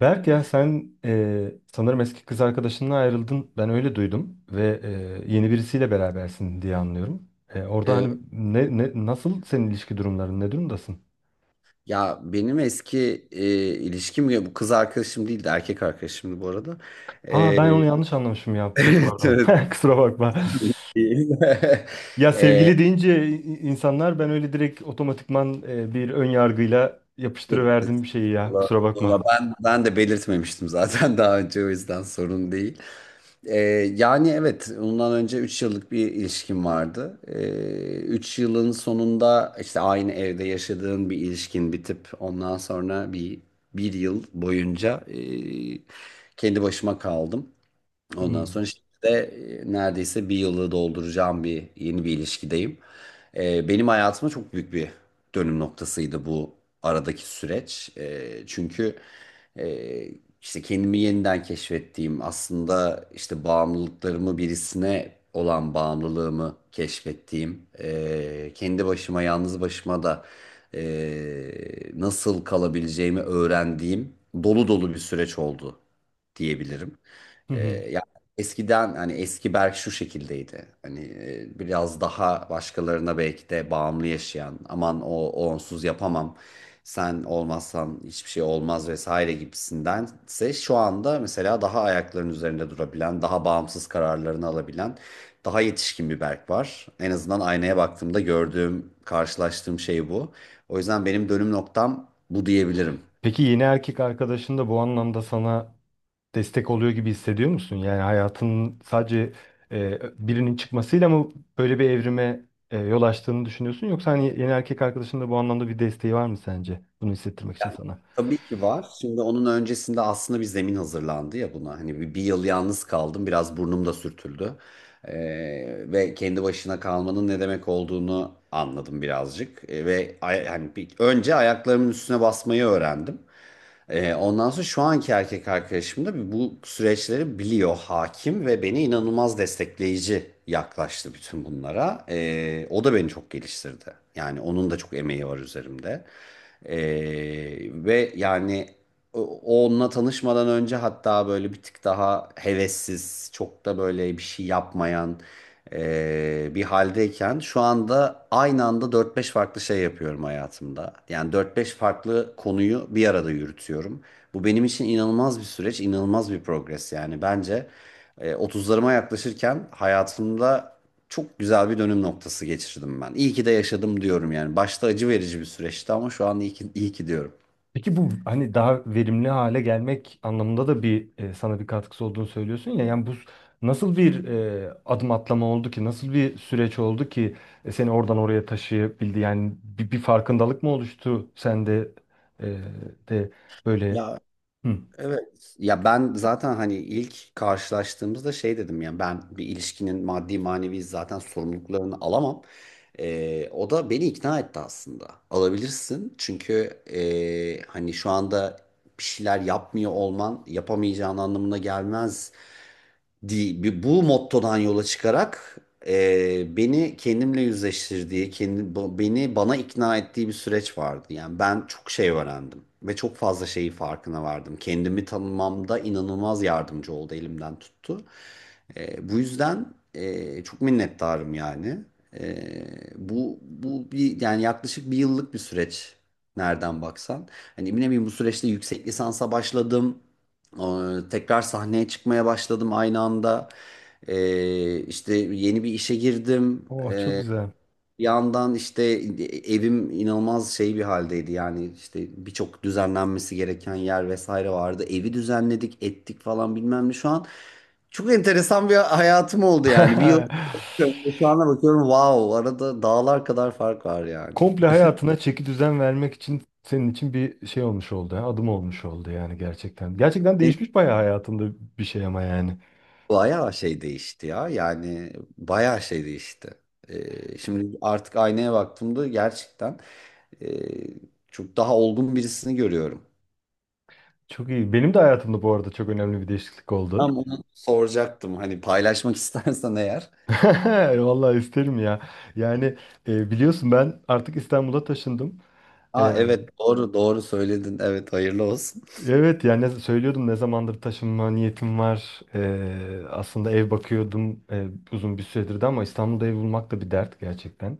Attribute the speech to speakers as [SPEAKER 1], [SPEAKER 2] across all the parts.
[SPEAKER 1] Berk ya sen sanırım eski kız arkadaşınla ayrıldın. Ben öyle duydum ve yeni birisiyle berabersin diye anlıyorum. Orada
[SPEAKER 2] Ee,
[SPEAKER 1] hani ne nasıl senin ilişki durumların ne durumdasın?
[SPEAKER 2] ya benim eski ilişkim ya bu kız arkadaşım değildi, erkek arkadaşımdı bu arada.
[SPEAKER 1] Aa
[SPEAKER 2] Ee,
[SPEAKER 1] ben onu yanlış anlamışım ya. Çok
[SPEAKER 2] evet,
[SPEAKER 1] pardon.
[SPEAKER 2] evet.
[SPEAKER 1] Kusura bakma.
[SPEAKER 2] Değil.
[SPEAKER 1] Ya
[SPEAKER 2] Ee,
[SPEAKER 1] sevgili deyince insanlar ben öyle direkt otomatikman bir ön yargıyla
[SPEAKER 2] yok,
[SPEAKER 1] yapıştırıverdim bir şeyi ya.
[SPEAKER 2] estağfurullah.
[SPEAKER 1] Kusura bakma.
[SPEAKER 2] Ama ben de belirtmemiştim zaten daha önce, o yüzden sorun değil. Ee, yani evet, ondan önce 3 yıllık bir ilişkim vardı. 3 yılın sonunda işte aynı evde yaşadığın bir ilişkin bitip ondan sonra bir yıl boyunca kendi başıma kaldım. Ondan sonra
[SPEAKER 1] Hmm.
[SPEAKER 2] şimdi de neredeyse bir yılı dolduracağım, bir yeni bir ilişkideyim. Benim hayatıma çok büyük bir dönüm noktasıydı bu aradaki süreç. Çünkü e, işte kendimi yeniden keşfettiğim, aslında işte bağımlılıklarımı, birisine olan bağımlılığımı keşfettiğim, kendi başıma, yalnız başıma da nasıl kalabileceğimi öğrendiğim dolu dolu bir süreç oldu diyebilirim.
[SPEAKER 1] Hı
[SPEAKER 2] Ee,
[SPEAKER 1] hı.
[SPEAKER 2] ya eskiden hani eski Berk şu şekildeydi. Hani biraz daha başkalarına belki de bağımlı yaşayan, aman o onsuz yapamam. Sen olmazsan hiçbir şey olmaz vesaire gibisindense şu anda mesela daha ayaklarının üzerinde durabilen, daha bağımsız kararlarını alabilen, daha yetişkin bir Berk var. En azından aynaya baktığımda gördüğüm, karşılaştığım şey bu. O yüzden benim dönüm noktam bu diyebilirim.
[SPEAKER 1] Peki yeni erkek arkadaşın da bu anlamda sana destek oluyor gibi hissediyor musun? Yani hayatının sadece e, birinin çıkmasıyla mı böyle bir evrime yol açtığını düşünüyorsun? Yoksa hani yeni erkek arkadaşın da bu anlamda bir desteği var mı sence? Bunu hissettirmek için sana.
[SPEAKER 2] Tabii ki var. Şimdi onun öncesinde aslında bir zemin hazırlandı ya buna. Hani bir yıl yalnız kaldım. Biraz burnum da sürtüldü. Ee, ve kendi başına kalmanın ne demek olduğunu anladım birazcık. Ve hani önce ayaklarımın üstüne basmayı öğrendim. Ondan sonra şu anki erkek arkadaşım da bu süreçleri biliyor, hakim ve beni inanılmaz destekleyici yaklaştı bütün bunlara. O da beni çok geliştirdi. Yani onun da çok emeği var üzerimde. Ee, ve yani o- onunla tanışmadan önce hatta böyle bir tık daha hevessiz, çok da böyle bir şey yapmayan bir haldeyken, şu anda aynı anda dört beş farklı şey yapıyorum hayatımda. Yani dört beş farklı konuyu bir arada yürütüyorum. Bu benim için inanılmaz bir süreç, inanılmaz bir progres yani. Bence 30'larıma yaklaşırken hayatımda çok güzel bir dönüm noktası geçirdim ben. İyi ki de yaşadım diyorum yani. Başta acı verici bir süreçti ama şu an iyi ki, iyi ki diyorum.
[SPEAKER 1] Peki bu hani daha verimli hale gelmek anlamında da bir sana bir katkısı olduğunu söylüyorsun ya. Yani bu nasıl bir adım atlama oldu ki? Nasıl bir süreç oldu ki seni oradan oraya taşıyabildi? Yani bir farkındalık mı oluştu sende e, de böyle? Hı.
[SPEAKER 2] Evet. Ya ben zaten hani ilk karşılaştığımızda şey dedim ya, ben bir ilişkinin maddi manevi zaten sorumluluklarını alamam. O da beni ikna etti aslında. Alabilirsin çünkü hani şu anda bir şeyler yapmıyor olman yapamayacağın anlamına gelmez. Bu mottodan yola çıkarak beni kendimle yüzleştirdiği, beni bana ikna ettiği bir süreç vardı. Yani ben çok şey öğrendim ve çok fazla şeyi farkına vardım. Kendimi tanımamda inanılmaz yardımcı oldu, elimden tuttu. Bu yüzden çok minnettarım yani. E, Bu bir yaklaşık bir yıllık bir süreç nereden baksan. Hani eminim, bu süreçte yüksek lisansa başladım. Tekrar sahneye çıkmaya başladım aynı anda. İşte yeni bir işe girdim.
[SPEAKER 1] Oh çok güzel.
[SPEAKER 2] Bir yandan işte evim inanılmaz şey bir haldeydi. Yani işte birçok düzenlenmesi gereken yer vesaire vardı. Evi düzenledik, ettik falan bilmem ne. Şu an çok enteresan bir hayatım oldu yani. Bir yıl önce şu ana bakıyorum, wow, arada dağlar kadar fark var yani.
[SPEAKER 1] Komple hayatına çeki düzen vermek için senin için bir şey olmuş oldu. Ha, Adım olmuş oldu yani gerçekten. Gerçekten değişmiş bayağı hayatında bir şey ama yani.
[SPEAKER 2] Bayağı şey değişti ya. Yani bayağı şey değişti. Şimdi artık aynaya baktığımda gerçekten e, çok daha olgun birisini görüyorum.
[SPEAKER 1] Çok iyi. Benim de hayatımda bu arada çok önemli bir değişiklik oldu.
[SPEAKER 2] Tam onu soracaktım. Hani paylaşmak istersen eğer.
[SPEAKER 1] Vallahi isterim ya. Yani biliyorsun ben artık İstanbul'a taşındım.
[SPEAKER 2] Aa
[SPEAKER 1] E,
[SPEAKER 2] evet, doğru doğru söyledin. Evet, hayırlı olsun.
[SPEAKER 1] evet yani söylüyordum ne zamandır taşınma niyetim var. E, aslında ev bakıyordum uzun bir süredir de ama İstanbul'da ev bulmak da bir dert gerçekten.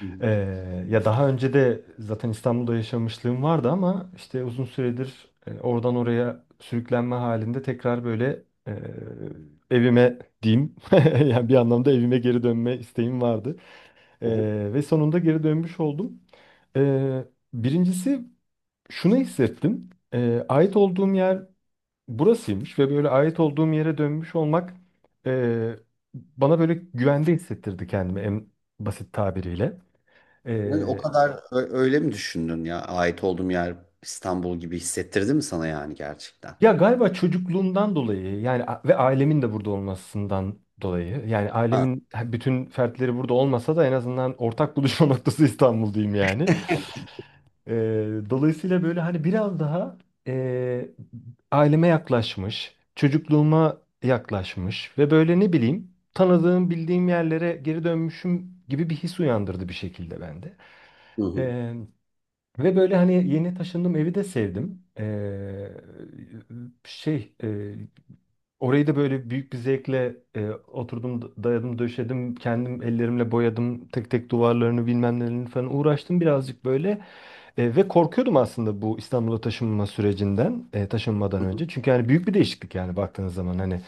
[SPEAKER 2] Hı
[SPEAKER 1] Ya daha önce de zaten İstanbul'da yaşamışlığım vardı ama işte uzun süredir oradan oraya sürüklenme halinde tekrar böyle evime diyeyim yani bir anlamda evime geri dönme isteğim vardı.
[SPEAKER 2] hı.
[SPEAKER 1] Ve sonunda geri dönmüş oldum. Ee, Birincisi şunu hissettim. Ait olduğum yer burasıymış ve böyle ait olduğum yere dönmüş olmak e, bana böyle güvende hissettirdi kendimi en basit tabiriyle.
[SPEAKER 2] Yani o
[SPEAKER 1] Ee,
[SPEAKER 2] kadar öyle mi düşündün ya? Ait olduğum yer İstanbul gibi hissettirdi mi sana yani gerçekten?
[SPEAKER 1] Ya galiba çocukluğumdan dolayı yani ve ailemin de burada olmasından dolayı yani
[SPEAKER 2] Ha.
[SPEAKER 1] ailemin bütün fertleri burada olmasa da en azından ortak buluşma noktası İstanbul diyeyim yani. Ee, Dolayısıyla böyle hani biraz daha e, aileme yaklaşmış, çocukluğuma yaklaşmış ve böyle ne bileyim tanıdığım bildiğim yerlere geri dönmüşüm gibi bir his uyandırdı bir şekilde bende.
[SPEAKER 2] Hı hı.
[SPEAKER 1] Ve böyle hani yeni taşındığım evi de sevdim. Şey e, Orayı da böyle büyük bir zevkle oturdum dayadım döşedim kendim ellerimle boyadım tek tek duvarlarını bilmem nelerini falan uğraştım birazcık böyle. E, ve korkuyordum aslında bu İstanbul'a taşınma sürecinden taşınmadan önce. Çünkü yani büyük bir değişiklik yani baktığınız zaman hani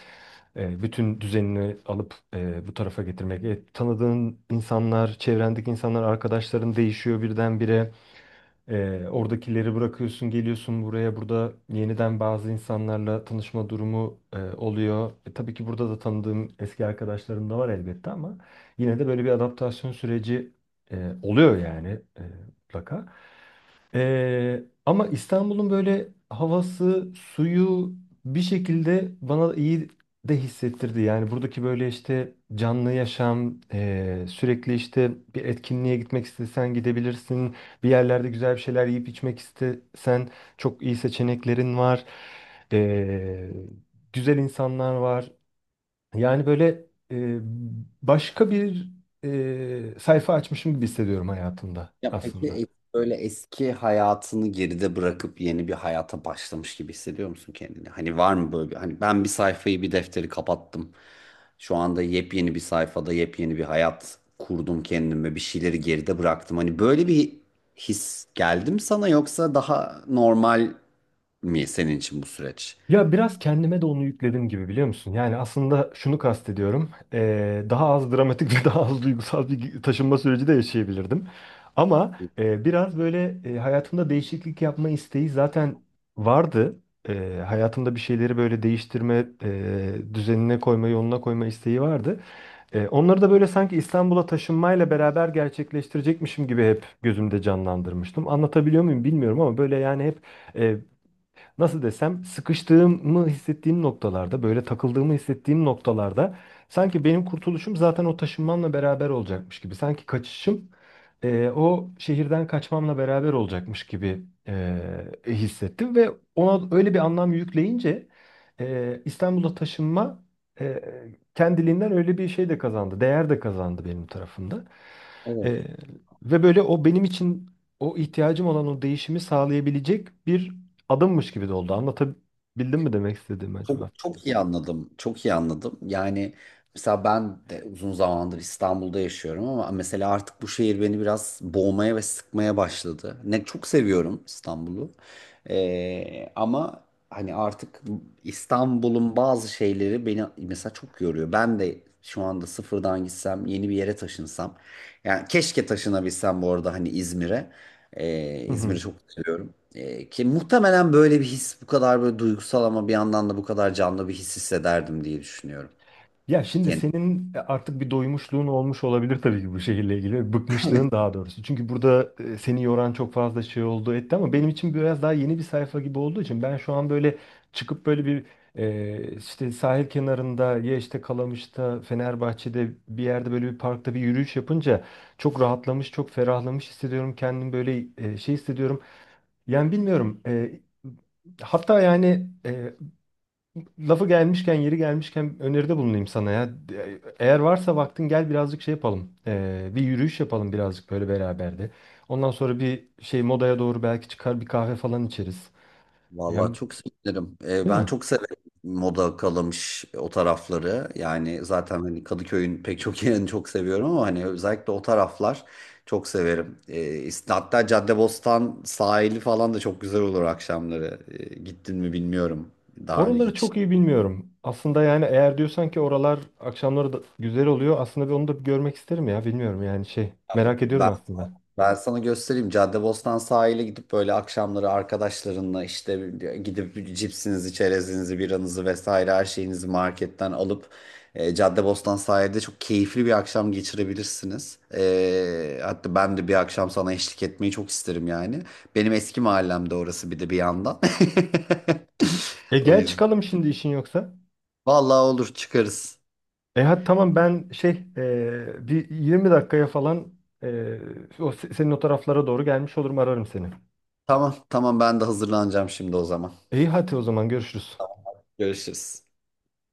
[SPEAKER 1] bütün düzenini alıp bu tarafa getirmek. E, tanıdığın insanlar, çevrendeki insanlar, arkadaşların değişiyor birdenbire. Oradakileri bırakıyorsun, geliyorsun buraya. Burada yeniden bazı insanlarla tanışma durumu oluyor. E, tabii ki burada da tanıdığım eski arkadaşlarım da var elbette ama yine de böyle bir adaptasyon süreci oluyor yani e, mutlaka. Ama İstanbul'un böyle havası, suyu bir şekilde bana iyi de hissettirdi. Yani buradaki böyle işte canlı yaşam, sürekli işte bir etkinliğe gitmek istesen gidebilirsin. Bir yerlerde güzel bir şeyler yiyip içmek istesen çok iyi seçeneklerin var. Ee, Güzel insanlar var. Yani böyle ee, başka bir sayfa açmışım gibi hissediyorum hayatımda
[SPEAKER 2] Ya peki,
[SPEAKER 1] aslında.
[SPEAKER 2] böyle eski hayatını geride bırakıp yeni bir hayata başlamış gibi hissediyor musun kendini? Hani var mı böyle bir, hani ben bir sayfayı, bir defteri kapattım. Şu anda yepyeni bir sayfada yepyeni bir hayat kurdum kendime, bir şeyleri geride bıraktım. Hani böyle bir his geldi mi sana, yoksa daha normal mi senin için bu süreç?
[SPEAKER 1] Ya biraz kendime de onu yükledim gibi biliyor musun? Yani aslında şunu kastediyorum. Daha az dramatik ve daha az duygusal bir taşınma süreci de yaşayabilirdim. Ama biraz böyle hayatımda değişiklik yapma isteği zaten vardı. Hayatımda bir şeyleri böyle değiştirme, düzenine koyma, yoluna koyma isteği vardı. Onları da böyle sanki İstanbul'a taşınmayla beraber gerçekleştirecekmişim gibi hep gözümde canlandırmıştım. Anlatabiliyor muyum bilmiyorum ama böyle yani hep nasıl desem sıkıştığımı hissettiğim noktalarda böyle takıldığımı hissettiğim noktalarda sanki benim kurtuluşum zaten o taşınmamla beraber olacakmış gibi. Sanki kaçışım o şehirden kaçmamla beraber olacakmış gibi hissettim ve ona öyle bir anlam yükleyince İstanbul'a taşınma e, kendiliğinden öyle bir şey de kazandı, değer de kazandı benim tarafımda. Ee, Ve böyle o benim için o ihtiyacım olan o değişimi sağlayabilecek bir adımmış gibi de oldu. Anlatabildim mi demek istediğimi
[SPEAKER 2] Çok
[SPEAKER 1] acaba?
[SPEAKER 2] çok iyi anladım. Çok iyi anladım. Yani mesela ben de uzun zamandır İstanbul'da yaşıyorum ama mesela artık bu şehir beni biraz boğmaya ve sıkmaya başladı. Ne çok seviyorum İstanbul'u. Ama hani artık İstanbul'un bazı şeyleri beni mesela çok yoruyor. Ben de şu anda sıfırdan gitsem, yeni bir yere taşınsam. Yani keşke taşınabilsem, bu arada, hani İzmir'e. İzmir'i çok seviyorum. Ki muhtemelen böyle bir his bu kadar böyle duygusal ama bir yandan da bu kadar canlı bir his hissederdim diye düşünüyorum.
[SPEAKER 1] Ya şimdi
[SPEAKER 2] Kendim.
[SPEAKER 1] senin artık bir doymuşluğun olmuş olabilir tabii ki bu şehirle ilgili. Bıkmışlığın daha doğrusu. Çünkü burada seni yoran çok fazla şey oldu etti ama benim için biraz daha yeni bir sayfa gibi olduğu için ben şu an böyle çıkıp böyle bir işte sahil kenarında ya işte Kalamış'ta, Fenerbahçe'de bir yerde böyle bir parkta bir yürüyüş yapınca çok rahatlamış, çok ferahlamış hissediyorum. Kendimi böyle şey hissediyorum. Yani bilmiyorum. Hatta yani lafı gelmişken, yeri gelmişken öneride bulunayım sana ya. Eğer varsa vaktin gel birazcık şey yapalım. Bir yürüyüş yapalım birazcık böyle beraber de. Ondan sonra bir şey modaya doğru belki çıkar bir kahve falan içeriz.
[SPEAKER 2] Vallahi
[SPEAKER 1] Yani
[SPEAKER 2] çok sevinirim.
[SPEAKER 1] değil
[SPEAKER 2] Ben
[SPEAKER 1] mi?
[SPEAKER 2] çok severim moda, kalamış o tarafları. Yani zaten hani Kadıköy'ün pek çok yerini çok seviyorum ama hani özellikle o taraflar çok severim. Hatta Caddebostan sahili falan da çok güzel olur akşamları. E, gittin mi bilmiyorum. Daha önce
[SPEAKER 1] Oraları
[SPEAKER 2] hiç.
[SPEAKER 1] çok iyi bilmiyorum. Aslında yani eğer diyorsan ki oralar akşamları da güzel oluyor. Aslında bir onu da bir görmek isterim ya. Bilmiyorum yani şey. Merak ediyorum aslında.
[SPEAKER 2] Ben sana göstereyim. Caddebostan sahile gidip böyle akşamları arkadaşlarınla işte gidip cipsinizi, çerezinizi, biranızı vesaire her şeyinizi marketten alıp Caddebostan sahilde çok keyifli bir akşam geçirebilirsiniz. E, hatta ben de bir akşam sana eşlik etmeyi çok isterim yani. Benim eski mahallemde orası bir de bir yandan.
[SPEAKER 1] E
[SPEAKER 2] O
[SPEAKER 1] gel
[SPEAKER 2] yüzden.
[SPEAKER 1] çıkalım şimdi işin yoksa.
[SPEAKER 2] Vallahi olur, çıkarız.
[SPEAKER 1] E hadi tamam ben şey bir 20 dakikaya falan e, o senin o taraflara doğru gelmiş olurum ararım seni.
[SPEAKER 2] Tamam tamam, ben de hazırlanacağım şimdi o zaman.
[SPEAKER 1] İyi hadi o zaman görüşürüz.
[SPEAKER 2] Görüşürüz.